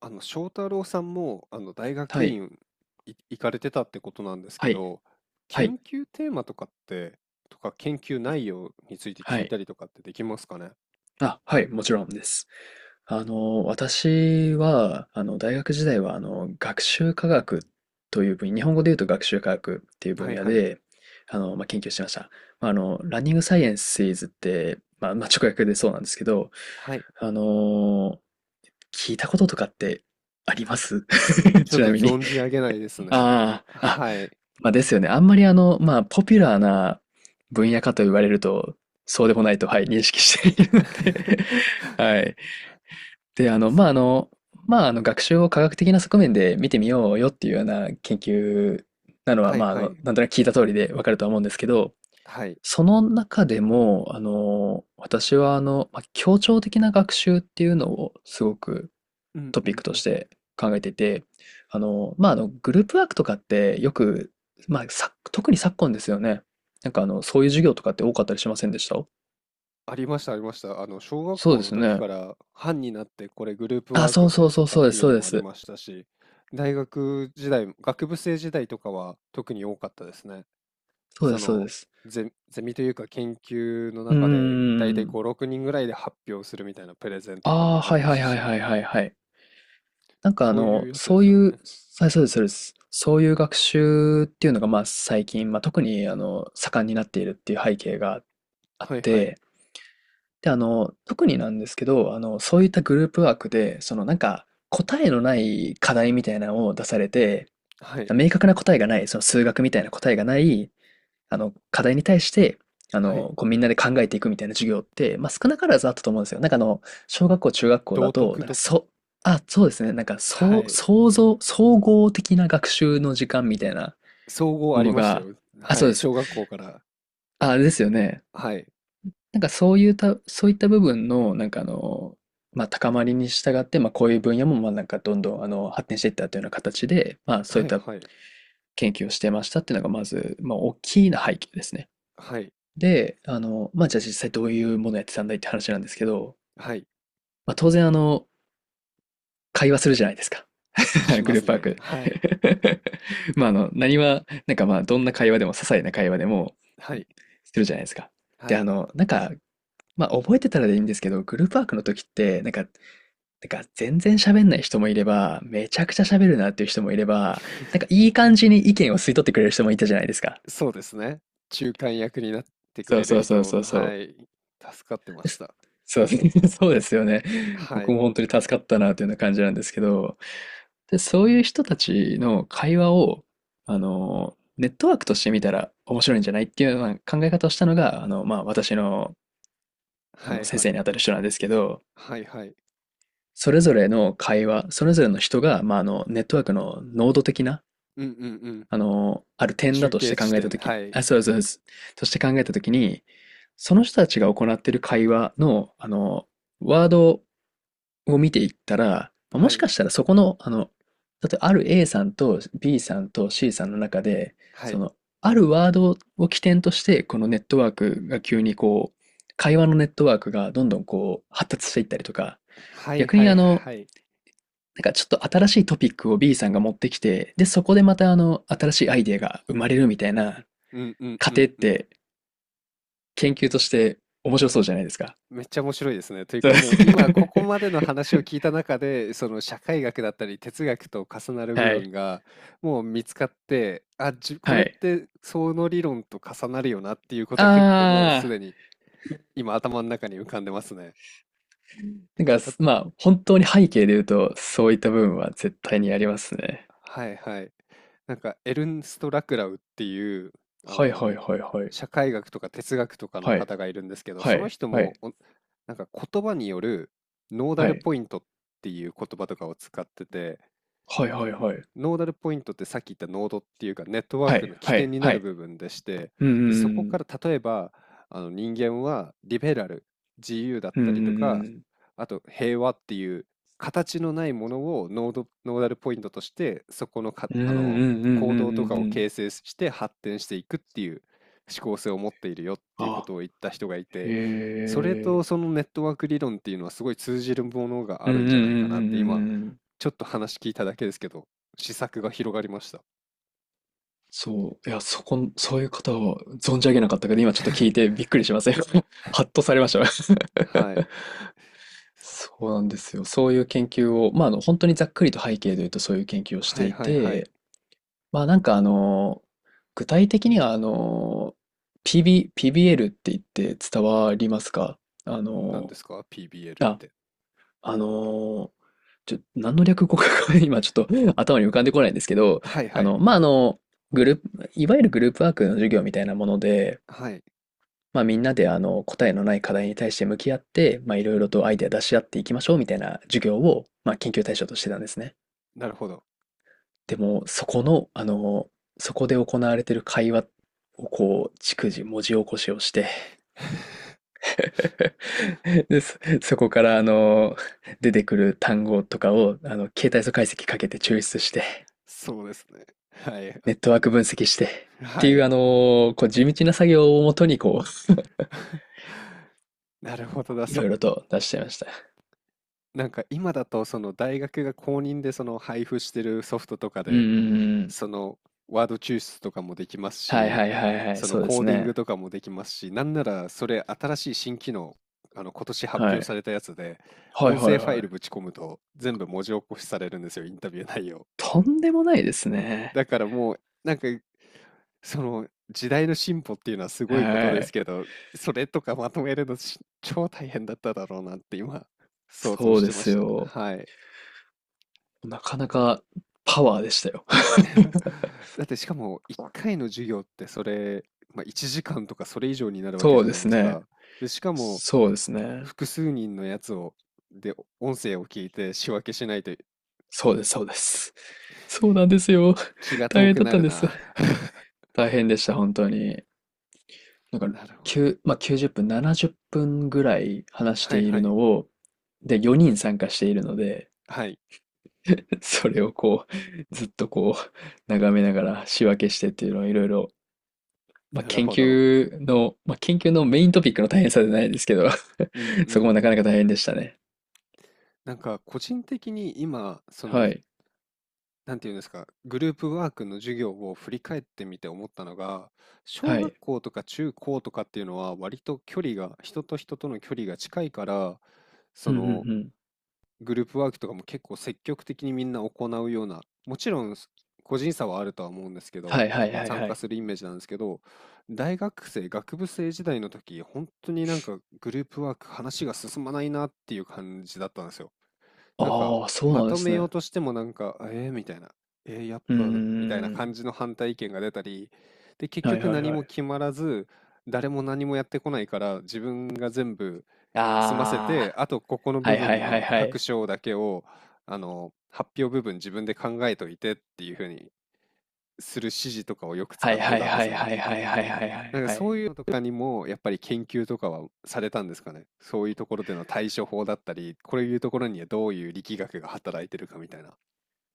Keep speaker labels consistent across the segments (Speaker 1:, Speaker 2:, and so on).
Speaker 1: 翔太郎さんも、大学
Speaker 2: はい。
Speaker 1: 院行かれてたってことなんです
Speaker 2: は
Speaker 1: け
Speaker 2: い。
Speaker 1: ど、
Speaker 2: はい。
Speaker 1: 研究テーマとかって、とか研究内容について
Speaker 2: は
Speaker 1: 聞いた
Speaker 2: い。
Speaker 1: りとかってできますかね？
Speaker 2: あ、はい、もちろんです。私は、大学時代は、学習科学という分野、日本語で言うと学習科学っていう
Speaker 1: は
Speaker 2: 分
Speaker 1: い
Speaker 2: 野
Speaker 1: はい。
Speaker 2: で、研究してました。ランニングサイエンスイズって、直訳でそうなんですけど、
Speaker 1: はい。
Speaker 2: あの、聞いたこととかってあります？
Speaker 1: ちょっ
Speaker 2: ち
Speaker 1: と
Speaker 2: なみに。
Speaker 1: 存じ上げないですね。
Speaker 2: ああ、あ、
Speaker 1: はい。
Speaker 2: まあですよね。あんまりポピュラーな分野かと言われると、そうでもないと、はい、認識しているので。 はい。で、あの、ま
Speaker 1: そ
Speaker 2: あ、あの、まあ、学習を科学的な側面で見てみようよっていうような研究なのは、
Speaker 1: はいはい。
Speaker 2: なんとなく聞いた通りでわかるとは思うんですけど、
Speaker 1: はい。
Speaker 2: その中でも、私は協調的な学習っていうのをすごく
Speaker 1: うん
Speaker 2: ト
Speaker 1: う
Speaker 2: ピック
Speaker 1: ん
Speaker 2: と
Speaker 1: う
Speaker 2: し
Speaker 1: ん。
Speaker 2: て考えていて、グループワークとかってよく、特に昨今ですよね。そういう授業とかって多かったりしませんでした？
Speaker 1: ありましたありました。小学
Speaker 2: そう
Speaker 1: 校
Speaker 2: で
Speaker 1: の
Speaker 2: す
Speaker 1: 時
Speaker 2: ね。
Speaker 1: から班になってこれグループ
Speaker 2: あ、
Speaker 1: ワー
Speaker 2: そ
Speaker 1: ク
Speaker 2: うそう
Speaker 1: でと
Speaker 2: そう
Speaker 1: かっ
Speaker 2: そうで
Speaker 1: て
Speaker 2: す、
Speaker 1: いう
Speaker 2: そ
Speaker 1: の
Speaker 2: うで
Speaker 1: もあり
Speaker 2: す。
Speaker 1: ましたし、大学時代、学部生時代とかは特に多かったですね。
Speaker 2: そうで
Speaker 1: そ
Speaker 2: す、そうで
Speaker 1: の
Speaker 2: す。
Speaker 1: ゼミというか研究の
Speaker 2: うー
Speaker 1: 中でだいたい
Speaker 2: ん。
Speaker 1: 5、6人ぐらいで発表するみたいなプレゼンとか
Speaker 2: ああ、
Speaker 1: もあり
Speaker 2: はい
Speaker 1: ま
Speaker 2: は
Speaker 1: し
Speaker 2: い
Speaker 1: た
Speaker 2: はい
Speaker 1: し、
Speaker 2: はいはいはい。
Speaker 1: そういうやつで
Speaker 2: そう
Speaker 1: す
Speaker 2: い
Speaker 1: よ
Speaker 2: う、
Speaker 1: ね。
Speaker 2: はい、そうです、そうです。そういう学習っていうのが、最近、特に、盛んになっているっていう背景があっ
Speaker 1: はいはい。
Speaker 2: て、で、あの、特になんですけど、そういったグループワークで、答えのない課題みたいなのを出されて、
Speaker 1: はい。
Speaker 2: 明確な答えがない、その数学みたいな答えがない、課題に対して、
Speaker 1: はい。
Speaker 2: こうみんなで考えていくみたいな授業って、少なからずあったと思うんですよ。小学校、中学校だ
Speaker 1: 道
Speaker 2: と、
Speaker 1: 徳
Speaker 2: なんか
Speaker 1: とか。
Speaker 2: そ、あ、そうですね。
Speaker 1: はい。
Speaker 2: 総合的な学習の時間みたいな
Speaker 1: 総合あ
Speaker 2: も
Speaker 1: り
Speaker 2: の
Speaker 1: ました
Speaker 2: が、
Speaker 1: よ。
Speaker 2: あ、
Speaker 1: は
Speaker 2: そう
Speaker 1: い。
Speaker 2: です。
Speaker 1: 小学校から。
Speaker 2: あ、あれですよね。
Speaker 1: はい。
Speaker 2: なんかそういうた、そういった部分の、高まりに従って、こういう分野も、どんどん、発展していったというような形で、そうい
Speaker 1: は
Speaker 2: っ
Speaker 1: い
Speaker 2: た
Speaker 1: はい。
Speaker 2: 研究をしてましたっていうのが、まず、大きな背景ですね。
Speaker 1: はい。
Speaker 2: で、あの、まあ、じゃあ実際どういうものやってたんだいって話なんですけど、
Speaker 1: はい。
Speaker 2: 当然、会話するじゃないですか。
Speaker 1: し
Speaker 2: グ
Speaker 1: ま
Speaker 2: ルー
Speaker 1: す
Speaker 2: プワー
Speaker 1: ね。
Speaker 2: ク。
Speaker 1: はい。
Speaker 2: まあ、あの、何は、なんかまあ、どんな会話でも、些細な会話でも、
Speaker 1: はい。
Speaker 2: するじゃないですか。
Speaker 1: は
Speaker 2: で、あ
Speaker 1: い。
Speaker 2: の、なんか、まあ、覚えてたらでいいんですけど、グループワークの時って、てか全然喋んない人もいれば、めちゃくちゃ喋るなっていう人もいれば、なんかいい感じに意見を吸い取ってくれる人もいたじゃないですか。
Speaker 1: そうですね。中間役になってく
Speaker 2: そう
Speaker 1: れる
Speaker 2: そうそう
Speaker 1: 人。
Speaker 2: そうそ
Speaker 1: は
Speaker 2: う。
Speaker 1: い。助かってま
Speaker 2: で
Speaker 1: し
Speaker 2: す。
Speaker 1: た。
Speaker 2: そう、そうですよね。
Speaker 1: は
Speaker 2: 僕
Speaker 1: い。
Speaker 2: も本当に助かったなというような感じなんですけど、で、そういう人たちの会話を、ネットワークとして見たら面白いんじゃないっていうような考え方をしたのが、私の、
Speaker 1: はい
Speaker 2: 先
Speaker 1: はい。
Speaker 2: 生にあたる人なんですけど、
Speaker 1: はいはい。
Speaker 2: それぞれの会話、それぞれの人が、ネットワークの濃度的な
Speaker 1: うんうんうん。
Speaker 2: ある点だ
Speaker 1: 中
Speaker 2: とし
Speaker 1: 継
Speaker 2: て
Speaker 1: 地
Speaker 2: 考えた
Speaker 1: 点、
Speaker 2: とき、
Speaker 1: はい。
Speaker 2: あ、そうそうそう、として考えたときに、その人たちが行っている会話の、ワードを見ていったら、も
Speaker 1: は
Speaker 2: しか
Speaker 1: い。
Speaker 2: したらそこの、だってある A さんと B さんと C さんの中で、
Speaker 1: は
Speaker 2: そ
Speaker 1: い。
Speaker 2: の、あるワードを起点として、このネットワークが急にこう、会話のネットワークがどんどんこう、発達していったりとか、
Speaker 1: はい
Speaker 2: 逆
Speaker 1: は
Speaker 2: に
Speaker 1: いはい。
Speaker 2: ちょっと新しいトピックを B さんが持ってきて、で、そこでまた新しいアイデアが生まれるみたいな
Speaker 1: うんうん
Speaker 2: 過
Speaker 1: う
Speaker 2: 程っ
Speaker 1: んうん。
Speaker 2: て研究として面白そうじゃないですか。
Speaker 1: めっちゃ面白いですね。という
Speaker 2: そう。
Speaker 1: か、もう今ここまでの 話を聞いた中で、その社会学だったり哲学と重なる部
Speaker 2: は
Speaker 1: 分
Speaker 2: い。
Speaker 1: がもう見つかって、あ、こ
Speaker 2: は
Speaker 1: れっ
Speaker 2: い。
Speaker 1: てその理論と重なるよなっていうこ
Speaker 2: あ
Speaker 1: とは結構もうす
Speaker 2: ー、
Speaker 1: でに今頭の中に浮かんでますね。
Speaker 2: 本当に背景で言うと、そういった部分は絶対にありますね。
Speaker 1: はいはい。なんかエルンスト・ラクラウっていうあ
Speaker 2: はいはい
Speaker 1: の
Speaker 2: はいはい。
Speaker 1: 社会学とか哲学とかの
Speaker 2: はい、
Speaker 1: 方がいるんですけど、
Speaker 2: は
Speaker 1: その
Speaker 2: い、
Speaker 1: 人
Speaker 2: は
Speaker 1: も
Speaker 2: い、
Speaker 1: なんか言葉によるノーダ
Speaker 2: は
Speaker 1: ル
Speaker 2: い、
Speaker 1: ポイントっていう言葉とかを使ってて、
Speaker 2: はい、はい、はい、
Speaker 1: ノーダルポイントってさっき言ったノードっていうかネットワー
Speaker 2: は
Speaker 1: ク
Speaker 2: い、
Speaker 1: の起
Speaker 2: は
Speaker 1: 点
Speaker 2: い、
Speaker 1: にな
Speaker 2: は
Speaker 1: る
Speaker 2: い。
Speaker 1: 部分でして、
Speaker 2: うん
Speaker 1: で、そ
Speaker 2: う
Speaker 1: こか
Speaker 2: ん
Speaker 1: ら例えば人間はリベラル、自由だっ
Speaker 2: うん、
Speaker 1: たりと
Speaker 2: う
Speaker 1: か、
Speaker 2: ん
Speaker 1: あと平和っていう形のないものをノード、ノーダルポイントとしてそこのか、
Speaker 2: うんう
Speaker 1: あの
Speaker 2: ん、うんうんう
Speaker 1: 行
Speaker 2: んうんう
Speaker 1: 動と
Speaker 2: んう
Speaker 1: か
Speaker 2: んうんうんう
Speaker 1: を
Speaker 2: んうん。
Speaker 1: 形成して発展していくっていう思考性を持っているよっていうこ
Speaker 2: あ、
Speaker 1: とを言った人がい
Speaker 2: へ
Speaker 1: て、それと
Speaker 2: え。
Speaker 1: そのネットワーク理論っていうのはすごい通じるものが
Speaker 2: う
Speaker 1: あ
Speaker 2: んうん
Speaker 1: るんじゃない
Speaker 2: う
Speaker 1: か
Speaker 2: んう
Speaker 1: なって
Speaker 2: ん
Speaker 1: 今
Speaker 2: うんうん。
Speaker 1: ちょっと話聞いただけですけど試作が広がりました。
Speaker 2: そう。いや、そこん、そういう方を存じ上げなかったけど、今ちょっと聞いてびっくりしません？ ハッとされました。
Speaker 1: はい。
Speaker 2: そうなんですよ。そういう研究を、本当にざっくりと背景で言うとそういう研究をし
Speaker 1: は
Speaker 2: て
Speaker 1: い
Speaker 2: い
Speaker 1: はいはい。
Speaker 2: て、まあ、なんかあの、具体的にはp ビ PBL って言って伝わりますか？あ
Speaker 1: 何
Speaker 2: の、
Speaker 1: ですか ?PBL っ
Speaker 2: あ、
Speaker 1: て。
Speaker 2: あの、何の略語か 今ちょっと頭に浮かんでこないんですけど、
Speaker 1: はい
Speaker 2: あ
Speaker 1: はい。
Speaker 2: の、まあ、あの、グループ、いわゆるグループワークの授業みたいなもので、
Speaker 1: はい。
Speaker 2: みんなで答えのない課題に対して向き合って、いろい
Speaker 1: う
Speaker 2: ろ
Speaker 1: ん
Speaker 2: と
Speaker 1: う
Speaker 2: アイデ
Speaker 1: ん。
Speaker 2: ア出し合っていきましょうみたいな授業を、研究対象としてたんですね。
Speaker 1: なるほど。
Speaker 2: でも、そこの、そこで行われている会話をこう、逐次文字起こしをして、で、そこから、出てくる単語とかを、形態素解析かけて抽出して、
Speaker 1: そうですね。はい。
Speaker 2: ネットワーク分析して、っ て
Speaker 1: は
Speaker 2: いう、
Speaker 1: い。
Speaker 2: こう、地道な作業をもとに、こう、
Speaker 1: なるほどだ。
Speaker 2: いろいろと出しちゃいました。
Speaker 1: なんか今だとその大学が公認でその配布してるソフトとか
Speaker 2: うん
Speaker 1: で、
Speaker 2: うんうん。
Speaker 1: そのワード抽出とかもできます
Speaker 2: はい
Speaker 1: し、
Speaker 2: はいはいはい、
Speaker 1: その
Speaker 2: そうで
Speaker 1: コ
Speaker 2: す
Speaker 1: ーディング
Speaker 2: ね。
Speaker 1: とかもできますし、なんならそれ新しい新機能、今年発
Speaker 2: は
Speaker 1: 表
Speaker 2: い。
Speaker 1: されたやつで、
Speaker 2: はい
Speaker 1: 音
Speaker 2: はい
Speaker 1: 声ファ
Speaker 2: は
Speaker 1: イル
Speaker 2: い。
Speaker 1: ぶち込むと全部文字起こしされるんですよ、インタビュー内容。
Speaker 2: とんでもないですね。
Speaker 1: だからもう、なんかその時代の進歩っていうのはすごいこと
Speaker 2: は
Speaker 1: です
Speaker 2: い。
Speaker 1: けど、それとかまとめるの超大変だっただろうなって今想像
Speaker 2: そう
Speaker 1: し
Speaker 2: で
Speaker 1: てま
Speaker 2: す
Speaker 1: した。
Speaker 2: よ。
Speaker 1: はい。
Speaker 2: なかなかパワーでしたよ。
Speaker 1: だってしかも1回の授業ってそれ、まあ、1時間とかそれ以上にな るわけ
Speaker 2: そ
Speaker 1: じ
Speaker 2: う
Speaker 1: ゃ
Speaker 2: で
Speaker 1: ない
Speaker 2: す
Speaker 1: です
Speaker 2: ね。
Speaker 1: か。で、しかも
Speaker 2: そうですね。
Speaker 1: 複数人のやつをで、音声を聞いて仕分けしないと
Speaker 2: そうです、そうです。そうなんですよ。
Speaker 1: 気が
Speaker 2: 大
Speaker 1: 遠
Speaker 2: 変
Speaker 1: く
Speaker 2: だっ
Speaker 1: な
Speaker 2: たん
Speaker 1: る
Speaker 2: です。
Speaker 1: な。
Speaker 2: 大変でした、本当に。なん
Speaker 1: なるほ
Speaker 2: か、
Speaker 1: ど。
Speaker 2: 9、まあ、90分、70分ぐらい話し
Speaker 1: は
Speaker 2: て
Speaker 1: い
Speaker 2: い
Speaker 1: は
Speaker 2: る
Speaker 1: い。
Speaker 2: のを、で、4人参加しているので、
Speaker 1: はい、
Speaker 2: それをこう、ずっとこう、眺めながら仕分けしてっていうのをいろいろ、
Speaker 1: なるほど。
Speaker 2: 研究のメイントピックの大変さじゃないですけど
Speaker 1: うん う
Speaker 2: そこも
Speaker 1: ん。
Speaker 2: なかなか大変でしたね。
Speaker 1: なんか個人的に今、その
Speaker 2: はい。
Speaker 1: なんていうんですか、グループワークの授業を振り返ってみて思ったのが、小
Speaker 2: は
Speaker 1: 学
Speaker 2: い。
Speaker 1: 校とか中高とかっていうのは割と距離が、人と人との距離が近いから、そ
Speaker 2: うんうんう
Speaker 1: の
Speaker 2: ん。
Speaker 1: グループワークとかも結構積極的にみんな行うような、もちろんす個人差はあるとは思うんですけ
Speaker 2: は
Speaker 1: ど、
Speaker 2: いはいはい
Speaker 1: 参
Speaker 2: は
Speaker 1: 加
Speaker 2: い。
Speaker 1: するイメージなんですけど、大学生、学部生時代の時、本当になんかグループワーク話が進まないなっていう感じだったんですよ。なんか、
Speaker 2: ああ、そう
Speaker 1: ま
Speaker 2: なんで
Speaker 1: と
Speaker 2: す
Speaker 1: め
Speaker 2: ね。
Speaker 1: よう
Speaker 2: う
Speaker 1: としてもなんか、えー、みたいな、えー、やっ
Speaker 2: ー
Speaker 1: ぱな、みたいな感
Speaker 2: ん。
Speaker 1: じの反対意見が出たり、で、結
Speaker 2: はい
Speaker 1: 局
Speaker 2: はい
Speaker 1: 何
Speaker 2: は
Speaker 1: も
Speaker 2: い。
Speaker 1: 決まらず、誰も何もやってこないから、自分が全部済ませ
Speaker 2: あ
Speaker 1: て、
Speaker 2: あ。
Speaker 1: あとここの
Speaker 2: は
Speaker 1: 部
Speaker 2: いはい
Speaker 1: 分
Speaker 2: はい
Speaker 1: の
Speaker 2: は
Speaker 1: 各
Speaker 2: い。
Speaker 1: 章だけを、発表部分自分で考えといてっていう風にする指示とかをよく使
Speaker 2: はい
Speaker 1: って
Speaker 2: はい
Speaker 1: たんで
Speaker 2: は
Speaker 1: す
Speaker 2: い
Speaker 1: ね。
Speaker 2: はいはいはいはいは
Speaker 1: な
Speaker 2: い
Speaker 1: んか
Speaker 2: は
Speaker 1: そ
Speaker 2: い。
Speaker 1: ういうのとかにもやっぱり研究とかはされたんですかね。そういうところでの対処法だったり、こういうところにはどういう力学が働いてるかみたいな。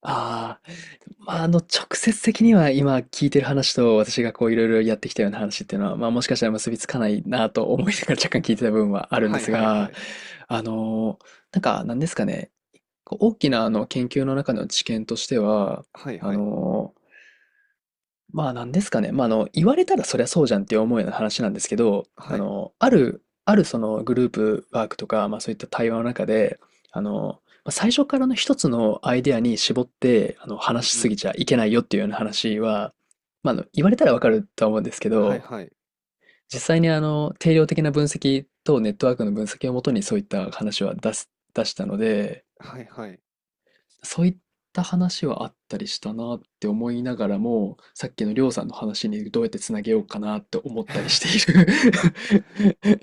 Speaker 2: ああ、直接的には今聞いてる話と私がこういろいろやってきたような話っていうのは、まあもしかしたら結びつかないなと思いながら若干聞いてた部分はあるん
Speaker 1: は
Speaker 2: で
Speaker 1: い
Speaker 2: す
Speaker 1: はいは
Speaker 2: が、
Speaker 1: い。
Speaker 2: あの、なんですかね、こう大きなあの研究の中の知見としては、
Speaker 1: はい
Speaker 2: あ
Speaker 1: はい。
Speaker 2: の、なんですかね。言われたらそりゃそうじゃんって思うような話なんですけど、あ
Speaker 1: はい。
Speaker 2: の、ある、あるそのグループワークとか、まあそういった対話の中で、まあ最初からの一つのアイデアに絞って、
Speaker 1: う
Speaker 2: 話
Speaker 1: ん
Speaker 2: し
Speaker 1: う
Speaker 2: す
Speaker 1: ん。
Speaker 2: ぎちゃいけないよっていうような話は、言われたらわかるとは思うんですけ
Speaker 1: はい
Speaker 2: ど、
Speaker 1: はい。
Speaker 2: 実際に定量的な分析とネットワークの分析をもとにそういった話は出したので、
Speaker 1: はいはい。
Speaker 2: そういった話はあったりしたなって思いながらも、さっきのりょうさんの話にどうやってつなげようかなって思ったりして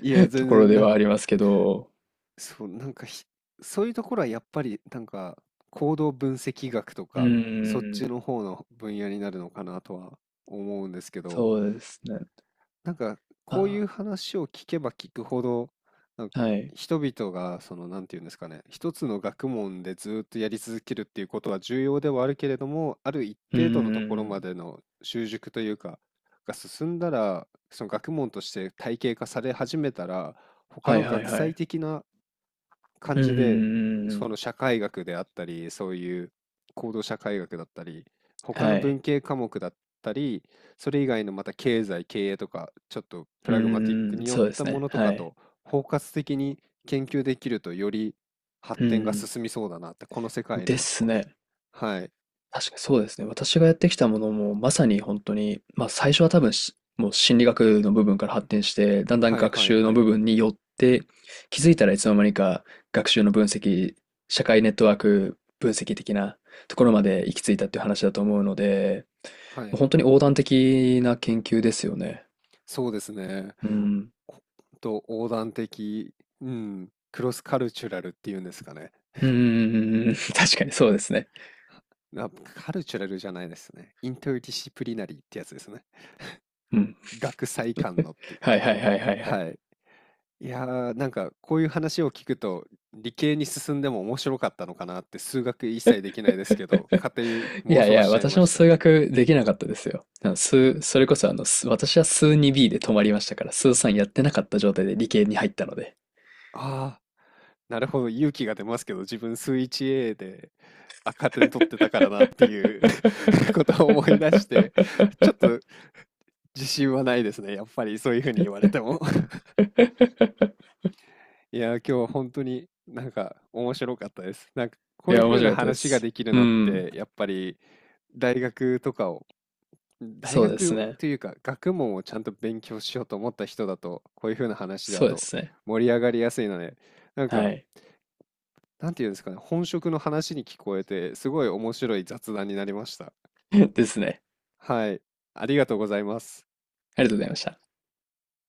Speaker 1: いや、
Speaker 2: る と
Speaker 1: 全
Speaker 2: ころ
Speaker 1: 然
Speaker 2: で
Speaker 1: なん
Speaker 2: は
Speaker 1: か、
Speaker 2: ありますけど、
Speaker 1: そう、なんかひそういうところはやっぱり、なんか、行動分析学と
Speaker 2: うー
Speaker 1: か、そっち
Speaker 2: ん、
Speaker 1: の方の分野になるのかなとは思うんですけど。
Speaker 2: そうですね。
Speaker 1: なんか、こういう
Speaker 2: あ、
Speaker 1: 話を聞けば聞くほど、なんか
Speaker 2: はい。
Speaker 1: 人々が、その、なんていうんですかね、一つの学問でずっとやり続けるっていうことは重要ではあるけれども、ある一
Speaker 2: うー
Speaker 1: 定度のところま
Speaker 2: ん、
Speaker 1: での習熟というか、が進んだら、その学問として体系化され始めたら、他
Speaker 2: はい
Speaker 1: の
Speaker 2: はい
Speaker 1: 学
Speaker 2: は
Speaker 1: 際
Speaker 2: い。
Speaker 1: 的な感
Speaker 2: うんうん
Speaker 1: じ
Speaker 2: う
Speaker 1: で、
Speaker 2: んう
Speaker 1: その
Speaker 2: ん。
Speaker 1: 社会学であったり、そういう行動社会学だったり、他の
Speaker 2: は
Speaker 1: 文
Speaker 2: い。
Speaker 1: 系科目だったり、それ以外のまた経済、経営とか、ちょっとプ
Speaker 2: う
Speaker 1: ラグマティック
Speaker 2: ーん、
Speaker 1: によっ
Speaker 2: そうで
Speaker 1: た
Speaker 2: す
Speaker 1: も
Speaker 2: ね。
Speaker 1: のとか
Speaker 2: はい。
Speaker 1: と包括的に研究できると、より発
Speaker 2: う
Speaker 1: 展が進みそうだなって、この世
Speaker 2: うん。
Speaker 1: 界の
Speaker 2: で
Speaker 1: は、
Speaker 2: すね。
Speaker 1: はい、
Speaker 2: 確かにそうですね。私がやってきたものも、まさに本当に、ま、最初は多分、しもう心理学の部分から発展して、だんだん
Speaker 1: はい
Speaker 2: 学
Speaker 1: はい
Speaker 2: 習
Speaker 1: は
Speaker 2: の
Speaker 1: い、
Speaker 2: 部分に寄って、気づいたらいつの間にか学習の分析、社会ネットワーク分析的なところまで行き着いたっていう話だと思うので、
Speaker 1: は
Speaker 2: もう
Speaker 1: い、
Speaker 2: 本当に横断的な研究ですよね。
Speaker 1: そうですね。
Speaker 2: うん。
Speaker 1: こほんと横断的、うん、クロスカルチュラルっていうんですかね。
Speaker 2: うんうんうんうんうん。 確かにそうですね。
Speaker 1: あ、カルチュラルじゃないですね。インターディシプリナリーってやつですね。
Speaker 2: うん。
Speaker 1: 学際間のっていう。
Speaker 2: はいはいはいはいはい。
Speaker 1: はい。いやー、なんかこういう話を聞くと、理系に進んでも面白かったのかなって、数学一切できないですけど、勝手に
Speaker 2: い
Speaker 1: 妄
Speaker 2: やい
Speaker 1: 想
Speaker 2: や、
Speaker 1: しちゃい
Speaker 2: 私
Speaker 1: ま
Speaker 2: も
Speaker 1: した。
Speaker 2: 数学できなかったですよ。あの数、それこそあの、数私は数 2B で止まりましたから、数3やってなかった状態で理系に入ったので。
Speaker 1: ああ、なるほど、勇気が出ますけど、自分数 1A で赤点取ってたからなっていう ことを思い出して、ちょっと自信はないですね。やっぱりそういうふうに言われても。いやー、今日本当になんか面白かったです。なんかこ
Speaker 2: い
Speaker 1: ういう
Speaker 2: や、面
Speaker 1: 風な
Speaker 2: 白かったで
Speaker 1: 話が
Speaker 2: す。
Speaker 1: できる
Speaker 2: う
Speaker 1: のっ
Speaker 2: ん。
Speaker 1: て、やっぱり大学とかを、大
Speaker 2: そうです
Speaker 1: 学
Speaker 2: ね。
Speaker 1: というか学問をちゃんと勉強しようと思った人だと、こういう風な話
Speaker 2: そ
Speaker 1: だ
Speaker 2: うで
Speaker 1: と
Speaker 2: すね。
Speaker 1: 盛り上がりやすいので、なん
Speaker 2: は
Speaker 1: か、
Speaker 2: い。
Speaker 1: なんていうんですかね、本職の話に聞こえて、すごい面白い雑談になりました。
Speaker 2: ですね。
Speaker 1: はい、ありがとうございます。
Speaker 2: ありがとうございました。